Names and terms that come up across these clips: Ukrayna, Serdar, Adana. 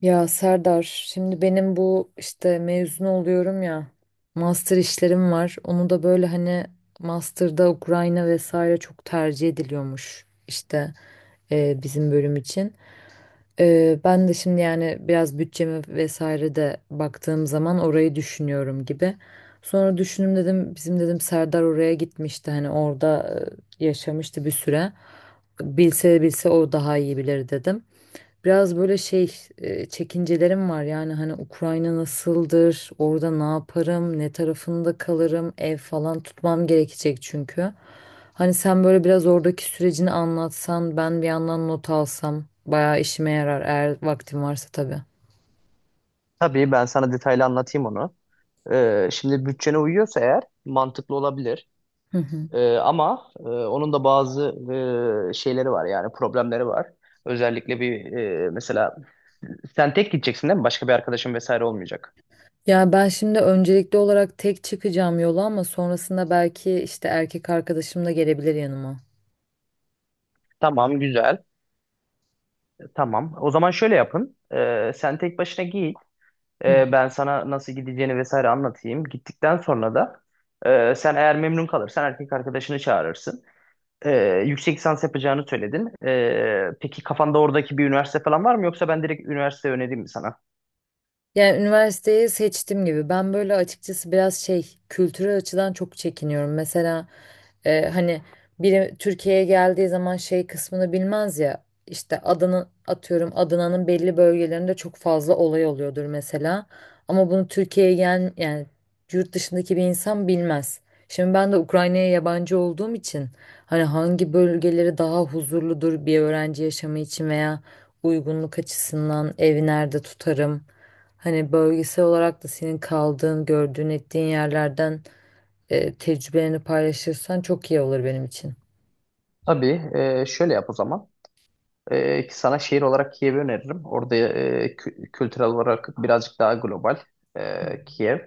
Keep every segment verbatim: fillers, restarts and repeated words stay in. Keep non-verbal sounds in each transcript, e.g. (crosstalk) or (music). Ya Serdar, şimdi benim bu işte mezun oluyorum ya, master işlerim var. Onu da böyle hani master'da Ukrayna vesaire çok tercih ediliyormuş işte e, bizim bölüm için. E, ben de şimdi yani biraz bütçeme vesaire de baktığım zaman orayı düşünüyorum gibi. Sonra düşündüm dedim, bizim dedim Serdar oraya gitmişti hani orada e, yaşamıştı bir süre. Bilse bilse o daha iyi bilir dedim. Biraz böyle şey e, çekincelerim var yani hani Ukrayna nasıldır, orada ne yaparım, ne tarafında kalırım, ev falan tutmam gerekecek çünkü. Hani sen böyle biraz oradaki sürecini anlatsan, ben bir yandan not alsam bayağı işime yarar eğer vaktim varsa tabii. Tabii ben sana detaylı anlatayım onu. Ee, şimdi bütçene uyuyorsa eğer mantıklı olabilir. Hı hı. Ee, ama e, onun da bazı e, şeyleri var, yani problemleri var. Özellikle bir e, mesela, sen tek gideceksin değil mi? Başka bir arkadaşın vesaire olmayacak. Yani ben şimdi öncelikli olarak tek çıkacağım yola ama sonrasında belki işte erkek arkadaşım da gelebilir yanıma. Tamam, güzel. Tamam. O zaman şöyle yapın. Ee, sen tek başına git. Ee, ben sana nasıl gideceğini vesaire anlatayım. Gittikten sonra da e, sen eğer memnun kalırsan erkek arkadaşını çağırırsın. Ee, yüksek lisans yapacağını söyledin. Ee, peki kafanda oradaki bir üniversite falan var mı, yoksa ben direkt üniversite önereyim mi sana? Yani üniversiteyi seçtim gibi. Ben böyle açıkçası biraz şey kültürel açıdan çok çekiniyorum. Mesela e, hani biri Türkiye'ye geldiği zaman şey kısmını bilmez ya. İşte Adana atıyorum Adana'nın belli bölgelerinde çok fazla olay oluyordur mesela. Ama bunu Türkiye'ye gel yani yurt dışındaki bir insan bilmez. Şimdi ben de Ukrayna'ya yabancı olduğum için hani hangi bölgeleri daha huzurludur bir öğrenci yaşamı için veya uygunluk açısından evi nerede tutarım? Hani bölgesel olarak da senin kaldığın, gördüğün, ettiğin yerlerden e, tecrübelerini paylaşırsan çok iyi olur benim için. Tabii, e, şöyle yap o zaman. E, ki sana şehir olarak Kiev'i öneririm. Orada e, kü- kültürel olarak birazcık daha global, e, Kiev.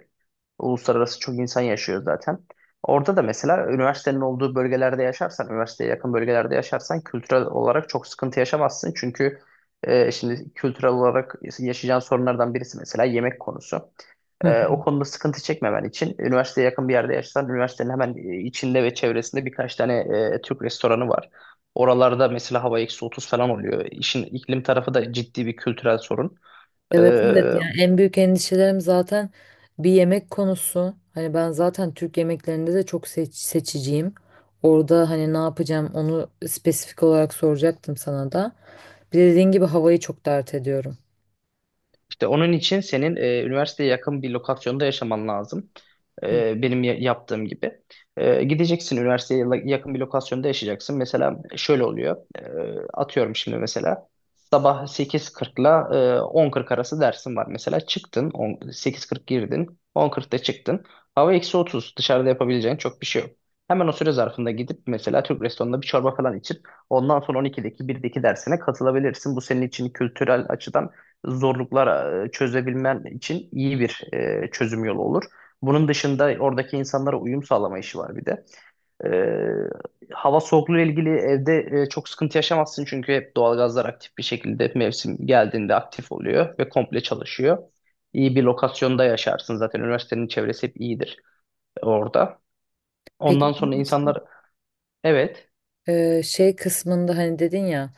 Uluslararası çok insan yaşıyor zaten. Orada da mesela üniversitenin olduğu bölgelerde yaşarsan, üniversiteye yakın bölgelerde yaşarsan kültürel olarak çok sıkıntı yaşamazsın. Çünkü e, şimdi kültürel olarak yaşayacağın sorunlardan birisi mesela yemek konusu. Hı hı. Ee, o konuda sıkıntı çekmemen için üniversiteye yakın bir yerde yaşasan, üniversitenin hemen e, içinde ve çevresinde birkaç tane e, Türk restoranı var. Oralarda mesela hava eksi otuz falan oluyor. İşin iklim tarafı da ciddi bir kültürel sorun. Evet, evet, E, yani en büyük endişelerim zaten bir yemek konusu. Hani ben zaten Türk yemeklerinde de çok seç- seçiciyim. Orada hani ne yapacağım onu spesifik olarak soracaktım sana da. Bir de dediğin gibi havayı çok dert ediyorum. İşte onun için senin e, üniversiteye yakın bir lokasyonda yaşaman lazım. Hı. E, benim ya- yaptığım gibi. E, gideceksin üniversiteye la- yakın bir lokasyonda yaşayacaksın. Mesela şöyle oluyor. E, atıyorum şimdi mesela. Sabah sekiz kırkla e, on kırk arası dersin var. Mesela çıktın, on, sekiz kırk girdin, on kırkta çıktın. Hava eksi otuz. Dışarıda yapabileceğin çok bir şey yok. Hemen o süre zarfında gidip mesela Türk restoranında bir çorba falan içip ondan sonra on ikideki birdeki dersine katılabilirsin. Bu senin için kültürel açıdan zorluklar e, çözebilmen için iyi bir e, çözüm yolu olur. Bunun dışında oradaki insanlara uyum sağlama işi var bir de. E, hava soğukluğu ile ilgili evde e, çok sıkıntı yaşamazsın çünkü hep doğalgazlar aktif bir şekilde mevsim geldiğinde aktif oluyor ve komple çalışıyor. İyi bir lokasyonda yaşarsın, zaten üniversitenin çevresi hep iyidir orada. Peki Ondan sonra insanlar, evet. e, şey kısmında hani dedin ya,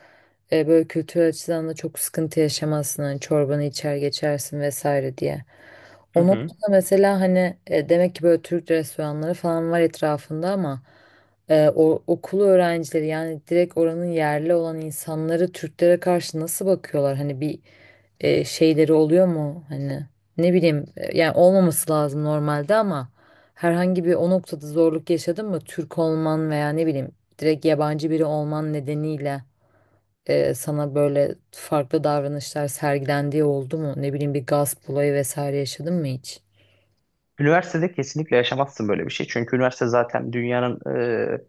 E, böyle kültürel açıdan da çok sıkıntı yaşamazsın. Hani çorbanı içer geçersin vesaire diye. Hı O hı. noktada mesela hani e, demek ki böyle Türk restoranları falan var etrafında ama e, o, okul öğrencileri yani direkt oranın yerli olan insanları Türklere karşı nasıl bakıyorlar? Hani bir e, şeyleri oluyor mu? Hani ne bileyim e, yani olmaması lazım normalde ama herhangi bir o noktada zorluk yaşadın mı? Türk olman veya ne bileyim direkt yabancı biri olman nedeniyle e, sana böyle farklı davranışlar sergilendiği oldu mu? Ne bileyim bir gasp olayı vesaire yaşadın mı hiç? Üniversitede kesinlikle yaşamazsın böyle bir şey. Çünkü üniversite zaten dünyanın e,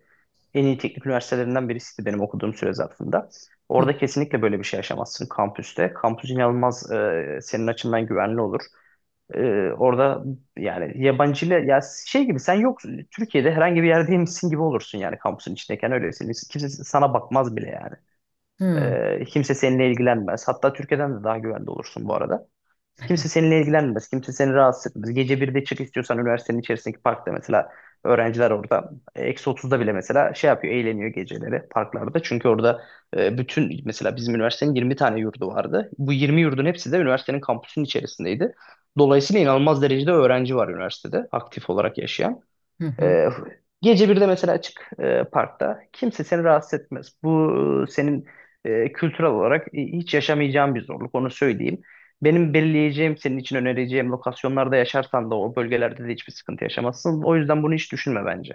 en iyi teknik üniversitelerinden birisiydi benim okuduğum süre zarfında. Hı Orada kesinlikle böyle bir şey yaşamazsın kampüste. Kampüs inanılmaz, e, senin açından güvenli olur. E, orada yani yabancıyla ya şey gibi sen, yok, Türkiye'de herhangi bir yerdeymişsin gibi olursun yani kampüsün içindeyken öylesin. Kimse sana bakmaz bile yani. hı Ee, kimse seninle ilgilenmez. Hatta Türkiye'den de daha güvende olursun bu arada. Kimse seninle ilgilenmez. Kimse seni rahatsız etmez. Gece birde çık istiyorsan üniversitenin içerisindeki parkta, mesela öğrenciler orada. e, Eksi otuzda bile mesela şey yapıyor. Eğleniyor geceleri parklarda. Çünkü orada e, bütün, mesela bizim üniversitenin yirmi tane yurdu vardı. Bu yirmi yurdun hepsi de üniversitenin kampüsünün içerisindeydi. Dolayısıyla inanılmaz derecede öğrenci var üniversitede aktif olarak yaşayan. hı. Hı. Ee, gece bir de mesela çık, e, parkta. Kimse seni rahatsız etmez. Bu e, senin, e, kültürel olarak e, hiç yaşamayacağın bir zorluk, onu söyleyeyim. Benim belirleyeceğim, senin için önereceğim lokasyonlarda yaşarsan da o bölgelerde de hiçbir sıkıntı yaşamazsın. O yüzden bunu hiç düşünme bence.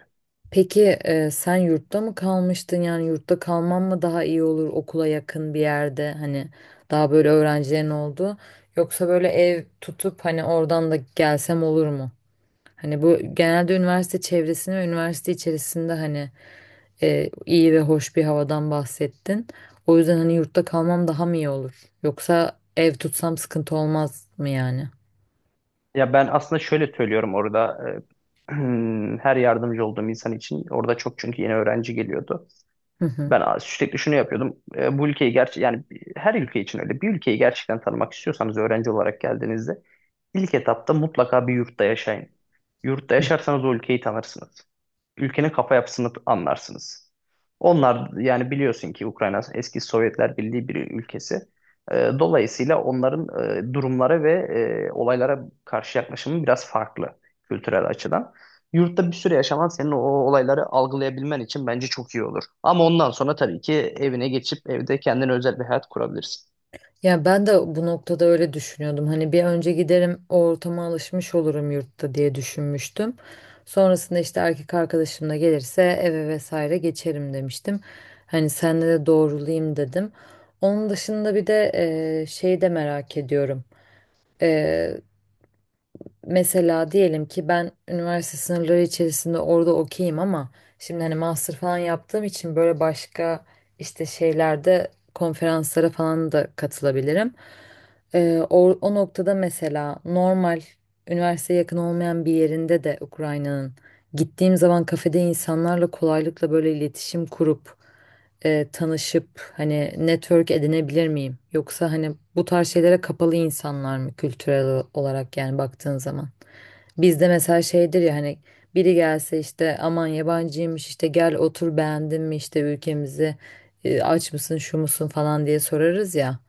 Peki e, sen yurtta mı kalmıştın? Yani yurtta kalman mı daha iyi olur okula yakın bir yerde hani daha böyle öğrencilerin olduğu, yoksa böyle ev tutup hani oradan da gelsem olur mu? Hani bu genelde üniversite çevresini ve üniversite içerisinde hani e, iyi ve hoş bir havadan bahsettin. O yüzden hani yurtta kalmam daha mı iyi olur? Yoksa ev tutsam sıkıntı olmaz mı yani? Ya ben aslında şöyle söylüyorum orada, e, (clears throat) her yardımcı olduğum insan için orada çok, çünkü yeni öğrenci geliyordu. Hı hı. Ben sürekli şunu yapıyordum. E, bu ülkeyi, gerçi yani her ülke için öyle. Bir ülkeyi gerçekten tanımak istiyorsanız, öğrenci olarak geldiğinizde İlk etapta mutlaka bir yurtta yaşayın. Yurtta yaşarsanız o ülkeyi tanırsınız. Ülkenin kafa yapısını anlarsınız. Onlar, yani biliyorsun ki Ukrayna eski Sovyetler Birliği bir ülkesi. Ee, Dolayısıyla onların e, durumlara ve e, olaylara karşı yaklaşımı biraz farklı kültürel açıdan. Yurtta bir süre yaşaman, senin o olayları algılayabilmen için bence çok iyi olur. Ama ondan sonra tabii ki evine geçip evde kendine özel bir hayat kurabilirsin. Ya ben de bu noktada öyle düşünüyordum. Hani bir önce giderim o ortama alışmış olurum yurtta diye düşünmüştüm. Sonrasında işte erkek arkadaşım da gelirse eve vesaire geçerim demiştim. Hani senle de doğrulayayım dedim. Onun dışında bir de eee şeyi de merak ediyorum. E, Mesela diyelim ki ben üniversite sınırları içerisinde orada okeyim ama şimdi hani master falan yaptığım için böyle başka işte şeylerde konferanslara falan da katılabilirim. Ee, o, o noktada mesela normal üniversiteye yakın olmayan bir yerinde de Ukrayna'nın gittiğim zaman kafede insanlarla kolaylıkla böyle iletişim kurup e, tanışıp hani network edinebilir miyim? Yoksa hani bu tarz şeylere kapalı insanlar mı kültürel o- olarak yani baktığın zaman? Bizde mesela şeydir ya hani biri gelse işte aman yabancıymış işte gel otur beğendin mi işte ülkemizi e, aç mısın şu musun falan diye sorarız ya.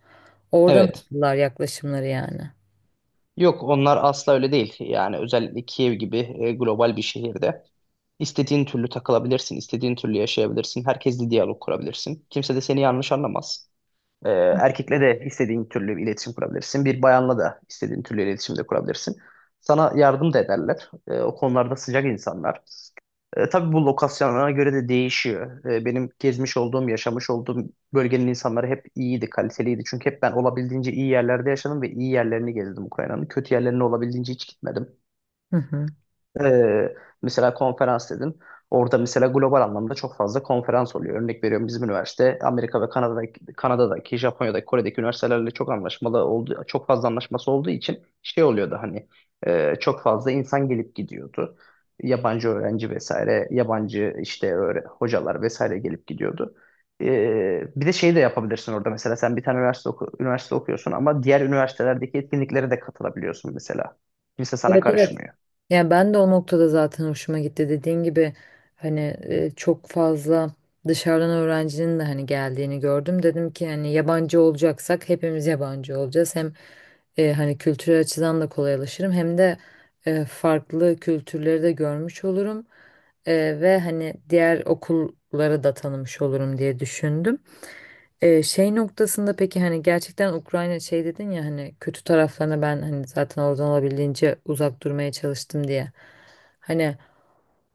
Oradan Evet. nasıllar yaklaşımları yani. Yok, onlar asla öyle değil. Yani özellikle Kiev gibi e, global bir şehirde istediğin türlü takılabilirsin, istediğin türlü yaşayabilirsin. Herkesle diyalog kurabilirsin. Kimse de seni yanlış anlamaz. E, erkekle de istediğin türlü iletişim kurabilirsin. Bir bayanla da istediğin türlü iletişim de kurabilirsin. Sana yardım da ederler. E, o konularda sıcak insanlar. E, tabii bu lokasyonlara göre de değişiyor. E, benim gezmiş olduğum, yaşamış olduğum bölgenin insanları hep iyiydi, kaliteliydi. Çünkü hep ben olabildiğince iyi yerlerde yaşadım ve iyi yerlerini gezdim Ukrayna'nın. Kötü yerlerine olabildiğince hiç gitmedim. Hı hı. Ee, mesela konferans dedin. Orada mesela global anlamda çok fazla konferans oluyor. Örnek veriyorum, bizim üniversite Amerika ve Kanada'daki, Kanada'daki, Japonya'daki, Kore'deki üniversitelerle çok anlaşmalı olduğu, çok fazla anlaşması olduğu için şey oluyordu, hani e, çok fazla insan gelip gidiyordu. Yabancı öğrenci vesaire, yabancı işte öğre- hocalar vesaire gelip gidiyordu. Ee, bir de şeyi de yapabilirsin orada mesela, sen bir tane üniversite, oku- üniversite okuyorsun ama diğer üniversitelerdeki etkinliklere de katılabiliyorsun mesela. Kimse sana Evet, evet, karışmıyor. yani ben de o noktada zaten hoşuma gitti. Dediğin gibi hani e, çok fazla dışarıdan öğrencinin de hani geldiğini gördüm. Dedim ki hani yabancı olacaksak hepimiz yabancı olacağız. Hem e, hani kültürel açıdan da kolaylaşırım hem de e, farklı kültürleri de görmüş olurum. E, ve hani diğer okulları da tanımış olurum diye düşündüm. Ee, şey noktasında peki hani gerçekten Ukrayna şey dedin ya hani kötü taraflarına ben hani zaten oradan olabildiğince uzak durmaya çalıştım diye. Hani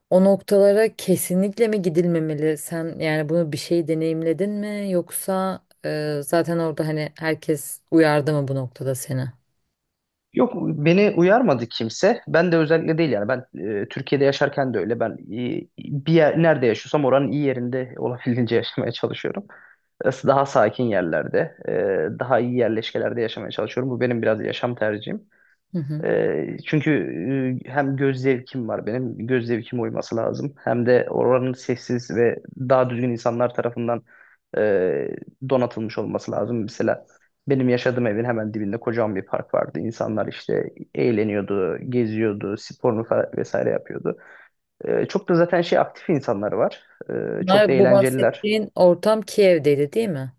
o noktalara kesinlikle mi gidilmemeli? Sen yani bunu bir şey deneyimledin mi yoksa e, zaten orada hani herkes uyardı mı bu noktada seni? Yok, beni uyarmadı kimse. Ben de özellikle değil yani. Ben e, Türkiye'de yaşarken de öyle. Ben e, bir yer, nerede yaşıyorsam oranın iyi yerinde (laughs) olabildiğince yaşamaya çalışıyorum. Daha sakin yerlerde, e, daha iyi yerleşkelerde yaşamaya çalışıyorum. Bu benim biraz yaşam tercihim. Hı hı. Ee, çünkü e, hem göz zevkim var benim, göz zevkime uyması lazım. Hem de oranın sessiz ve daha düzgün insanlar tarafından e, donatılmış olması lazım. Mesela benim yaşadığım evin hemen dibinde kocaman bir park vardı. İnsanlar işte eğleniyordu, geziyordu, sporunu fa- vesaire yapıyordu. Ee, çok da zaten şey aktif insanlar var. Ee, çok da Bunlar- Bu eğlenceliler. bahsettiğin ortam Kiev'deydi değil mi?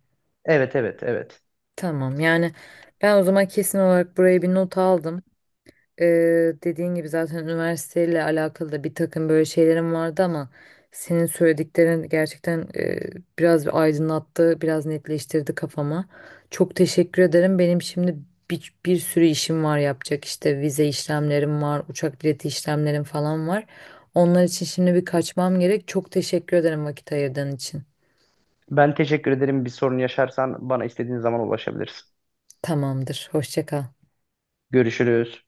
Evet, evet, evet. Tamam, yani ben o zaman kesin olarak buraya bir not aldım. Ee, dediğin gibi zaten üniversiteyle alakalı da bir takım böyle şeylerim vardı ama senin söylediklerin gerçekten e, biraz bir aydınlattı, biraz netleştirdi kafama. Çok teşekkür ederim. Benim şimdi bir, bir sürü işim var yapacak. İşte vize işlemlerim var, uçak bileti işlemlerim falan var. Onlar için şimdi bir kaçmam gerek. Çok teşekkür ederim vakit ayırdığın için. Ben teşekkür ederim. Bir sorun yaşarsan bana istediğin zaman ulaşabilirsin. Tamamdır. Hoşça kal. Görüşürüz.